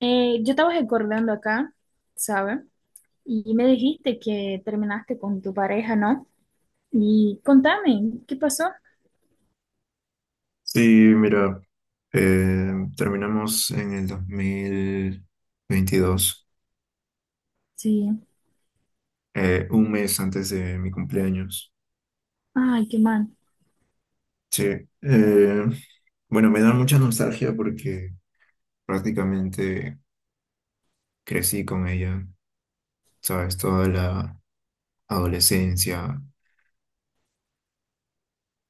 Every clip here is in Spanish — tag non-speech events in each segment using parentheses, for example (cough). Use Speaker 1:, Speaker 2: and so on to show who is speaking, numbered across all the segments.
Speaker 1: Yo estaba recordando acá, ¿sabes? Y me dijiste que terminaste con tu pareja, ¿no? Y contame, ¿qué pasó?
Speaker 2: Sí, mira, eh, terminamos en el 2022,
Speaker 1: Sí.
Speaker 2: un mes antes de mi cumpleaños.
Speaker 1: Ay, qué mal.
Speaker 2: Sí, eh, bueno, me da mucha nostalgia porque prácticamente crecí con ella, ¿sabes? Toda la adolescencia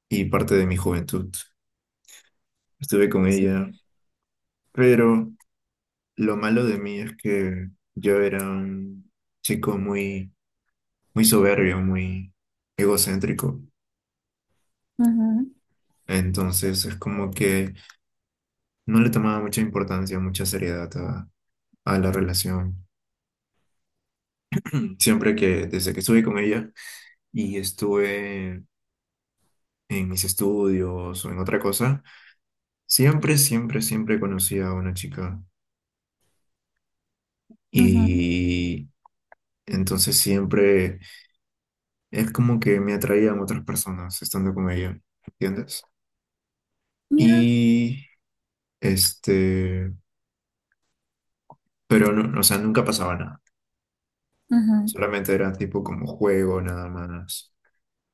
Speaker 2: y parte de mi juventud. Estuve con
Speaker 1: Sí.
Speaker 2: ella, pero lo malo de mí es que yo era un chico muy, muy soberbio, muy egocéntrico.
Speaker 1: Ujú,
Speaker 2: Entonces es como que no le tomaba mucha importancia, mucha seriedad a la relación. (clears throat) Siempre que, desde que estuve con ella y estuve en mis estudios o en otra cosa, siempre, siempre, siempre conocí a una chica.
Speaker 1: ujú.
Speaker 2: Y entonces siempre es como que me atraían otras personas estando con ella, ¿entiendes?
Speaker 1: Mira.
Speaker 2: Y este, pero no, o sea, nunca pasaba nada.
Speaker 1: Ujú.
Speaker 2: Solamente era tipo como juego, nada más.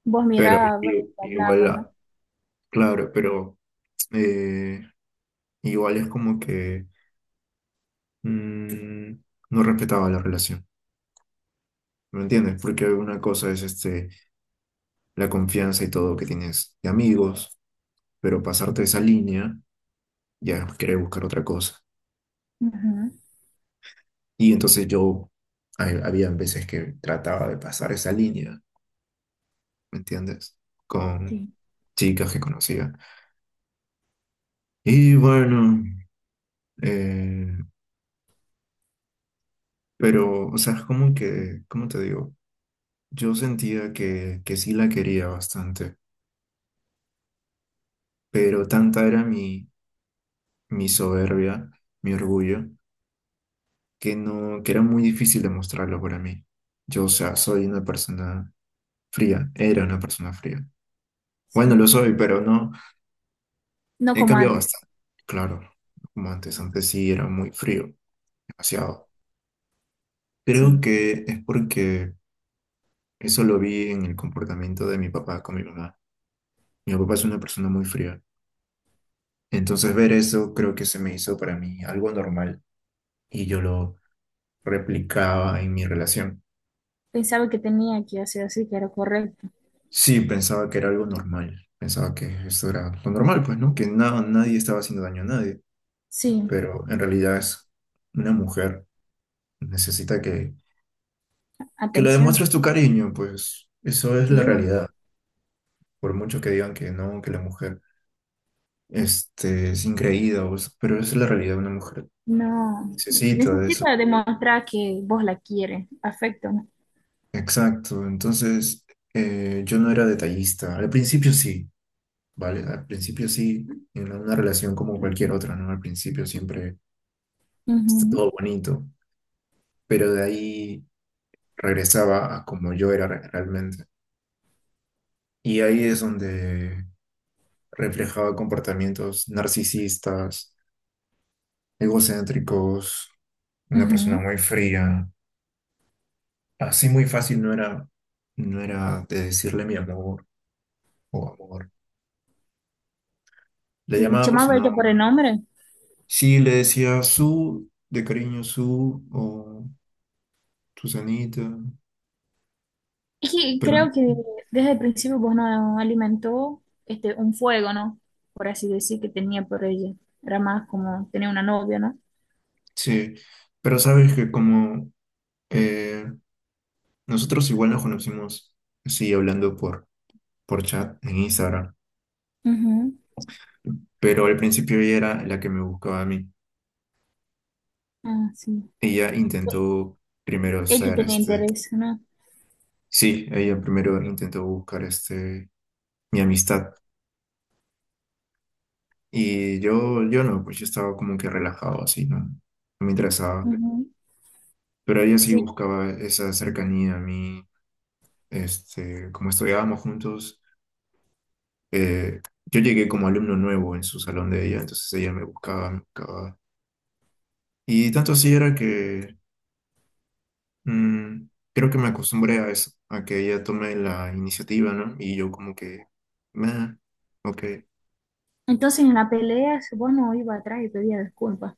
Speaker 1: Vos
Speaker 2: Pero
Speaker 1: mirabas,
Speaker 2: igual,
Speaker 1: hablabas, ¿no?
Speaker 2: ah, claro, pero eh, igual es como que mm, no respetaba la relación, ¿me entiendes? Porque una cosa es la confianza y todo que tienes de amigos, pero pasarte esa línea ya es querer buscar otra cosa.
Speaker 1: Ujú.
Speaker 2: Y entonces yo, había veces que trataba de pasar esa línea, ¿me entiendes? Con
Speaker 1: Sí,
Speaker 2: chicas que conocía. Y bueno, eh, pero, o sea, es como que, ¿cómo te digo? Yo sentía que sí la quería bastante, pero tanta era mi soberbia, mi orgullo, que no, que era muy difícil demostrarlo para mí. Yo, o sea, soy una persona fría, era una persona fría. Bueno, lo
Speaker 1: sí.
Speaker 2: soy, pero no,
Speaker 1: No
Speaker 2: he
Speaker 1: como
Speaker 2: cambiado
Speaker 1: antes.
Speaker 2: bastante. Claro, como antes sí era muy frío, demasiado. Creo
Speaker 1: Sí.
Speaker 2: que es porque eso lo vi en el comportamiento de mi papá con mi mamá. Mi papá es una persona muy fría. Entonces ver eso creo que se me hizo para mí algo normal y yo lo replicaba en mi relación.
Speaker 1: Pensaba que tenía que hacer así, que era correcto.
Speaker 2: Sí, pensaba que era algo normal, pensaba que esto era lo normal, pues, ¿no? Que nadie estaba haciendo daño a nadie,
Speaker 1: Sí.
Speaker 2: pero en realidad es una mujer, necesita que le
Speaker 1: Atención.
Speaker 2: demuestres tu cariño, pues eso es la
Speaker 1: Sí.
Speaker 2: realidad, por mucho que digan que no, que la mujer es increíble, pero esa es la realidad, una mujer
Speaker 1: No.
Speaker 2: necesita de eso.
Speaker 1: Necesita demostrar que vos la quieres. Afecto, ¿no?
Speaker 2: Exacto, entonces yo no era detallista. Al principio sí, ¿vale? Al principio sí, en una relación como cualquier otra, ¿no? Al principio siempre está
Speaker 1: Ujú,
Speaker 2: todo bonito, pero de ahí regresaba a como yo era realmente. Y ahí es donde reflejaba comportamientos narcisistas, egocéntricos, una persona
Speaker 1: ujú.
Speaker 2: muy fría. Así muy fácil no era, no era de decirle mi amor o amor. Le
Speaker 1: Sí,
Speaker 2: llamaba por su
Speaker 1: llamaba ella por el
Speaker 2: nombre.
Speaker 1: nombre.
Speaker 2: Sí, le decía su, de cariño su, o Susanita,
Speaker 1: Es que
Speaker 2: pero
Speaker 1: creo que desde el principio vos no alimentó un fuego, ¿no? Por así decir, que tenía por ella. Era más como tenía una novia, ¿no?
Speaker 2: sí, pero sabes que como eh, nosotros igual nos conocimos, sí, hablando por chat en Instagram,
Speaker 1: Ujú.
Speaker 2: pero al principio ella era la que me buscaba a mí.
Speaker 1: Ah, sí.
Speaker 2: Ella intentó primero
Speaker 1: Ella
Speaker 2: ser
Speaker 1: tenía interés, ¿no?
Speaker 2: sí, ella primero intentó buscar mi amistad, y yo no, pues yo estaba como que relajado, así, no, no me interesaba.
Speaker 1: Ujú.
Speaker 2: Pero ella sí
Speaker 1: Sí.
Speaker 2: buscaba esa cercanía a mí, como estudiábamos juntos, eh, yo llegué como alumno nuevo en su salón de ella, entonces ella me buscaba, me buscaba. Y tanto así era que mm, creo que me acostumbré a eso, a que ella tome la iniciativa, ¿no? Y yo como que, "Meh, ok".
Speaker 1: Entonces en la pelea vos no iba atrás y pedía disculpas.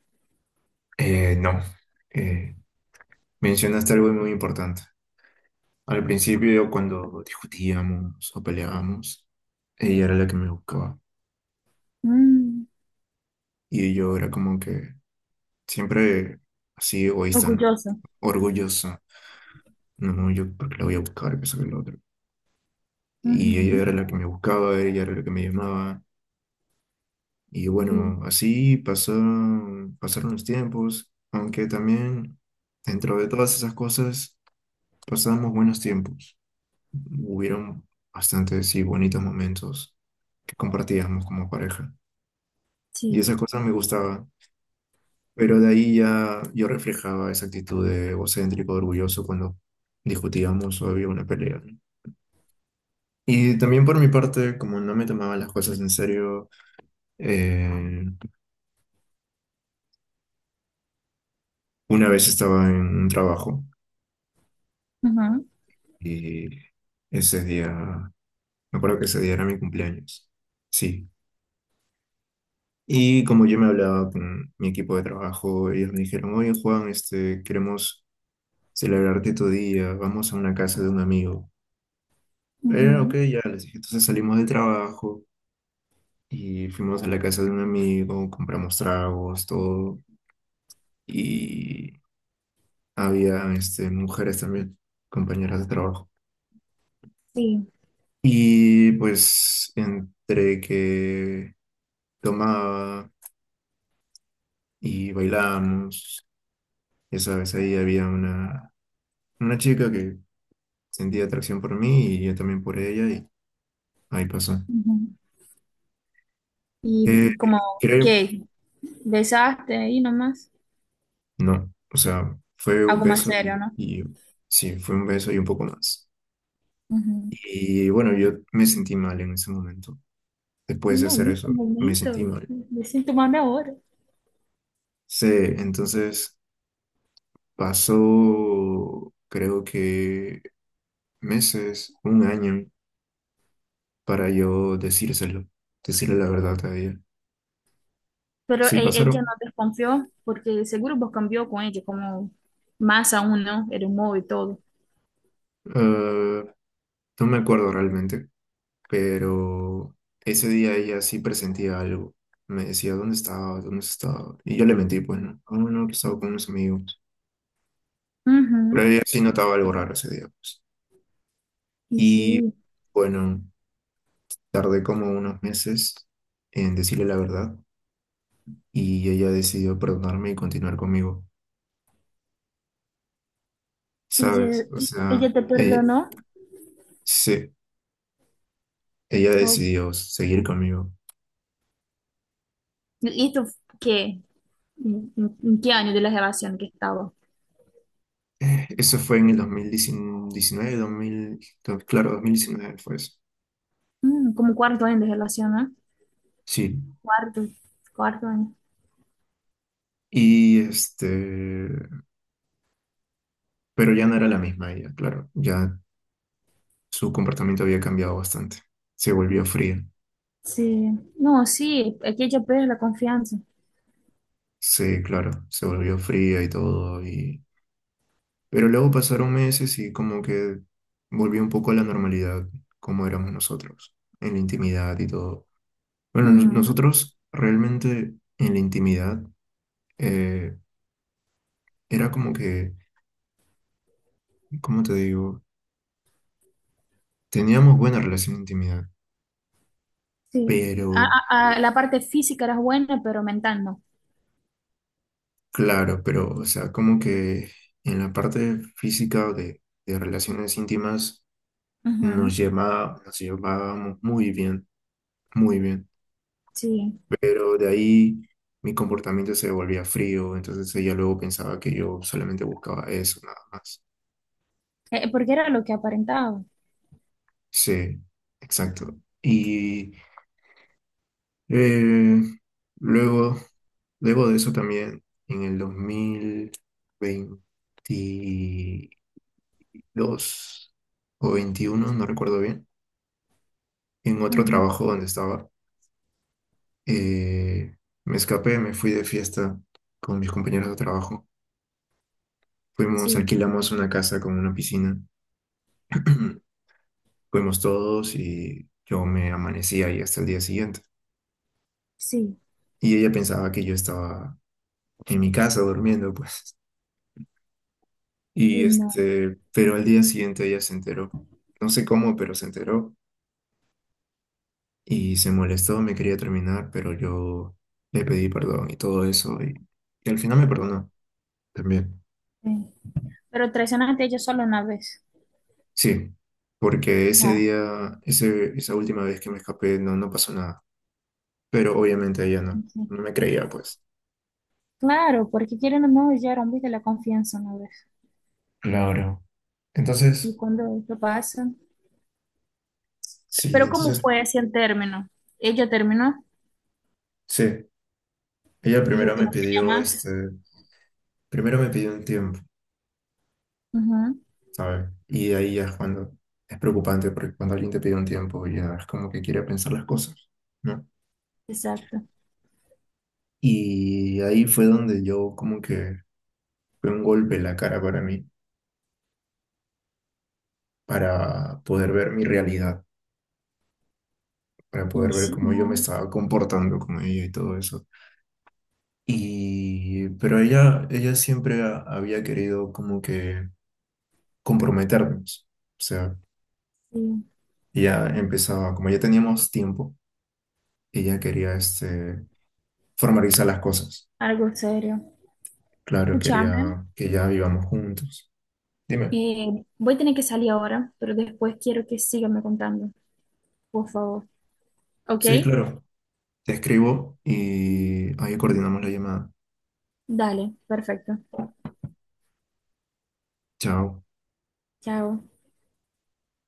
Speaker 2: No, eh, mencionaste algo muy importante. Al principio, cuando discutíamos o peleábamos, ella era la que me buscaba.
Speaker 1: Mm.
Speaker 2: Y yo era como que, siempre así egoísta, ¿no?
Speaker 1: Orgulloso.
Speaker 2: Orgullosa. No, yo porque la voy a buscar, que sabe lo otro. Y ella
Speaker 1: Ujú.
Speaker 2: era la que me buscaba, ella era la que me llamaba. Y
Speaker 1: Sí,
Speaker 2: bueno, así pasaron, pasaron los tiempos, aunque también dentro de todas esas cosas pasamos buenos tiempos. Hubieron bastantes y bonitos momentos que compartíamos como pareja. Y
Speaker 1: sí,
Speaker 2: esa cosa me gustaba. Pero de ahí ya yo reflejaba esa actitud de egocéntrico, orgulloso cuando discutíamos o había una pelea, ¿no? Y también por mi parte, como no me tomaba las cosas en serio, eh, una vez estaba en un trabajo
Speaker 1: ujú,
Speaker 2: y ese día, me acuerdo que ese día era mi cumpleaños. Sí. Y como yo me hablaba con mi equipo de trabajo, ellos me dijeron, oye Juan, queremos celebrarte tu día, vamos a una casa de un amigo. Ok,
Speaker 1: ujú,
Speaker 2: ya les dije. Entonces salimos del trabajo. Y fuimos a la casa de un amigo, compramos tragos, todo. Y había mujeres también, compañeras de trabajo.
Speaker 1: sí.
Speaker 2: Y pues entre que tomaba y bailábamos, esa vez ahí había una chica que sentía atracción por mí y yo también por ella y ahí pasó.
Speaker 1: Ujú.
Speaker 2: Eh,
Speaker 1: Y como
Speaker 2: creo,
Speaker 1: que besaste ahí nomás.
Speaker 2: no, o sea, fue un
Speaker 1: Algo más
Speaker 2: beso
Speaker 1: serio,
Speaker 2: y,
Speaker 1: ¿no?
Speaker 2: fue un beso y un poco más.
Speaker 1: Ujú.
Speaker 2: Y bueno, yo me sentí mal en ese momento. Después de
Speaker 1: No,
Speaker 2: hacer
Speaker 1: en este
Speaker 2: eso, me
Speaker 1: momento
Speaker 2: sentí mal.
Speaker 1: me siento mal ahora.
Speaker 2: Sí, entonces pasó, creo que meses, un año, para yo decírselo, decirle la verdad a ella.
Speaker 1: Pero
Speaker 2: Sí,
Speaker 1: ella no
Speaker 2: pasaron.
Speaker 1: desconfió porque seguro vos cambió con ella, como más aún, ¿no? El humor y todo.
Speaker 2: eh, no me acuerdo realmente, pero ese día ella sí presentía algo. Me decía, ¿dónde estaba? ¿Dónde estaba? Y yo le mentí, pues no, no, no, que estaba con unos amigos. Pero
Speaker 1: Ujú.
Speaker 2: ella sí notaba algo raro ese día, pues.
Speaker 1: Y
Speaker 2: Y
Speaker 1: sí,
Speaker 2: bueno, tardé como unos meses en decirle la verdad y ella decidió perdonarme y continuar conmigo, ¿sabes?
Speaker 1: ella,
Speaker 2: O sea,
Speaker 1: ella te perdonó.
Speaker 2: se- ella
Speaker 1: ¿O-
Speaker 2: decidió seguir conmigo.
Speaker 1: ¿Y esto qué? En qué año de la relación que estaba?
Speaker 2: Eso fue en el 2019, 2000, claro, 2019 fue eso.
Speaker 1: Mm, como cuarto año de relación, ¿no?
Speaker 2: Sí.
Speaker 1: Cuarto, cuarto año.
Speaker 2: Y pero ya no era la misma ella, claro. Ya su comportamiento había cambiado bastante. Se volvió fría.
Speaker 1: Sí. No, sí, es que ella pierde la confianza.
Speaker 2: Sí, claro, se volvió fría y todo. Y Pero luego pasaron meses y como que volvió un poco a la normalidad, como éramos nosotros, en la intimidad y todo. Bueno,
Speaker 1: Ujú.
Speaker 2: nosotros realmente en la intimidad eh, era como que, ¿cómo te digo? Teníamos buena relación de intimidad,
Speaker 1: Sí,
Speaker 2: pero
Speaker 1: la parte física era buena, pero mental no.
Speaker 2: claro, pero o sea, como que en la parte física de relaciones íntimas
Speaker 1: Ujú.
Speaker 2: nos llevábamos muy bien, muy bien.
Speaker 1: Sí.
Speaker 2: Pero de ahí mi comportamiento se volvía frío, entonces ella luego pensaba que yo solamente buscaba eso, nada más.
Speaker 1: Porque era lo que aparentaba.
Speaker 2: Sí, exacto. Y eh, luego, luego de eso también, en el 2022 o 21 no recuerdo bien, en otro
Speaker 1: Ujú.
Speaker 2: trabajo donde estaba, eh, me escapé, me fui de fiesta con mis compañeros de trabajo. Fuimos,
Speaker 1: Sí,
Speaker 2: alquilamos una casa con una piscina. (clears throat) Fuimos todos y yo me amanecí ahí hasta el día siguiente.
Speaker 1: sí,
Speaker 2: Y ella pensaba que yo estaba en mi casa durmiendo, pues. Y
Speaker 1: y no.
Speaker 2: pero al día siguiente ella se enteró. No sé cómo, pero se enteró y se molestó, me quería terminar, pero yo le pedí perdón y todo eso. Y al final me perdonó también.
Speaker 1: Eh, pero traicionaste a ella solo una vez.
Speaker 2: Sí, porque ese
Speaker 1: Ah,
Speaker 2: día, esa última vez que me escapé, no, no pasó nada. Pero obviamente ella no, no
Speaker 1: ok.
Speaker 2: me creía, pues.
Speaker 1: Claro, porque quieren o no, ya era un de la confianza una vez.
Speaker 2: Claro.
Speaker 1: Y
Speaker 2: Entonces,
Speaker 1: cuando esto pasa.
Speaker 2: sí,
Speaker 1: Pero ¿cómo
Speaker 2: entonces
Speaker 1: fue así el término? Ella terminó,
Speaker 2: sí, ella
Speaker 1: dijo
Speaker 2: primero
Speaker 1: que
Speaker 2: me
Speaker 1: no quería
Speaker 2: pidió
Speaker 1: más.
Speaker 2: primero me pidió un tiempo,
Speaker 1: Ujú.
Speaker 2: ¿sabes? Y ahí ya es cuando es preocupante porque cuando alguien te pide un tiempo ya es como que quiere pensar las cosas, ¿no?
Speaker 1: Exacto.
Speaker 2: Y ahí fue donde yo como que fue un golpe en la cara para mí, para poder ver mi realidad, para
Speaker 1: Y
Speaker 2: poder ver
Speaker 1: sí,
Speaker 2: cómo yo me
Speaker 1: no,
Speaker 2: estaba comportando con ella y todo eso. Y pero ella siempre había querido como que comprometernos, o sea,
Speaker 1: sí,
Speaker 2: ya empezaba, como ya teníamos tiempo. Ella quería formalizar las cosas.
Speaker 1: algo serio.
Speaker 2: Claro,
Speaker 1: Escúchame.
Speaker 2: quería que ya vivamos juntos. Dime,
Speaker 1: Voy a tener que salir ahora, pero después quiero que síganme contando, por favor. ¿Ok?
Speaker 2: sí, claro. Te escribo y ahí coordinamos la llamada.
Speaker 1: Dale, perfecto.
Speaker 2: Chao.
Speaker 1: Chao.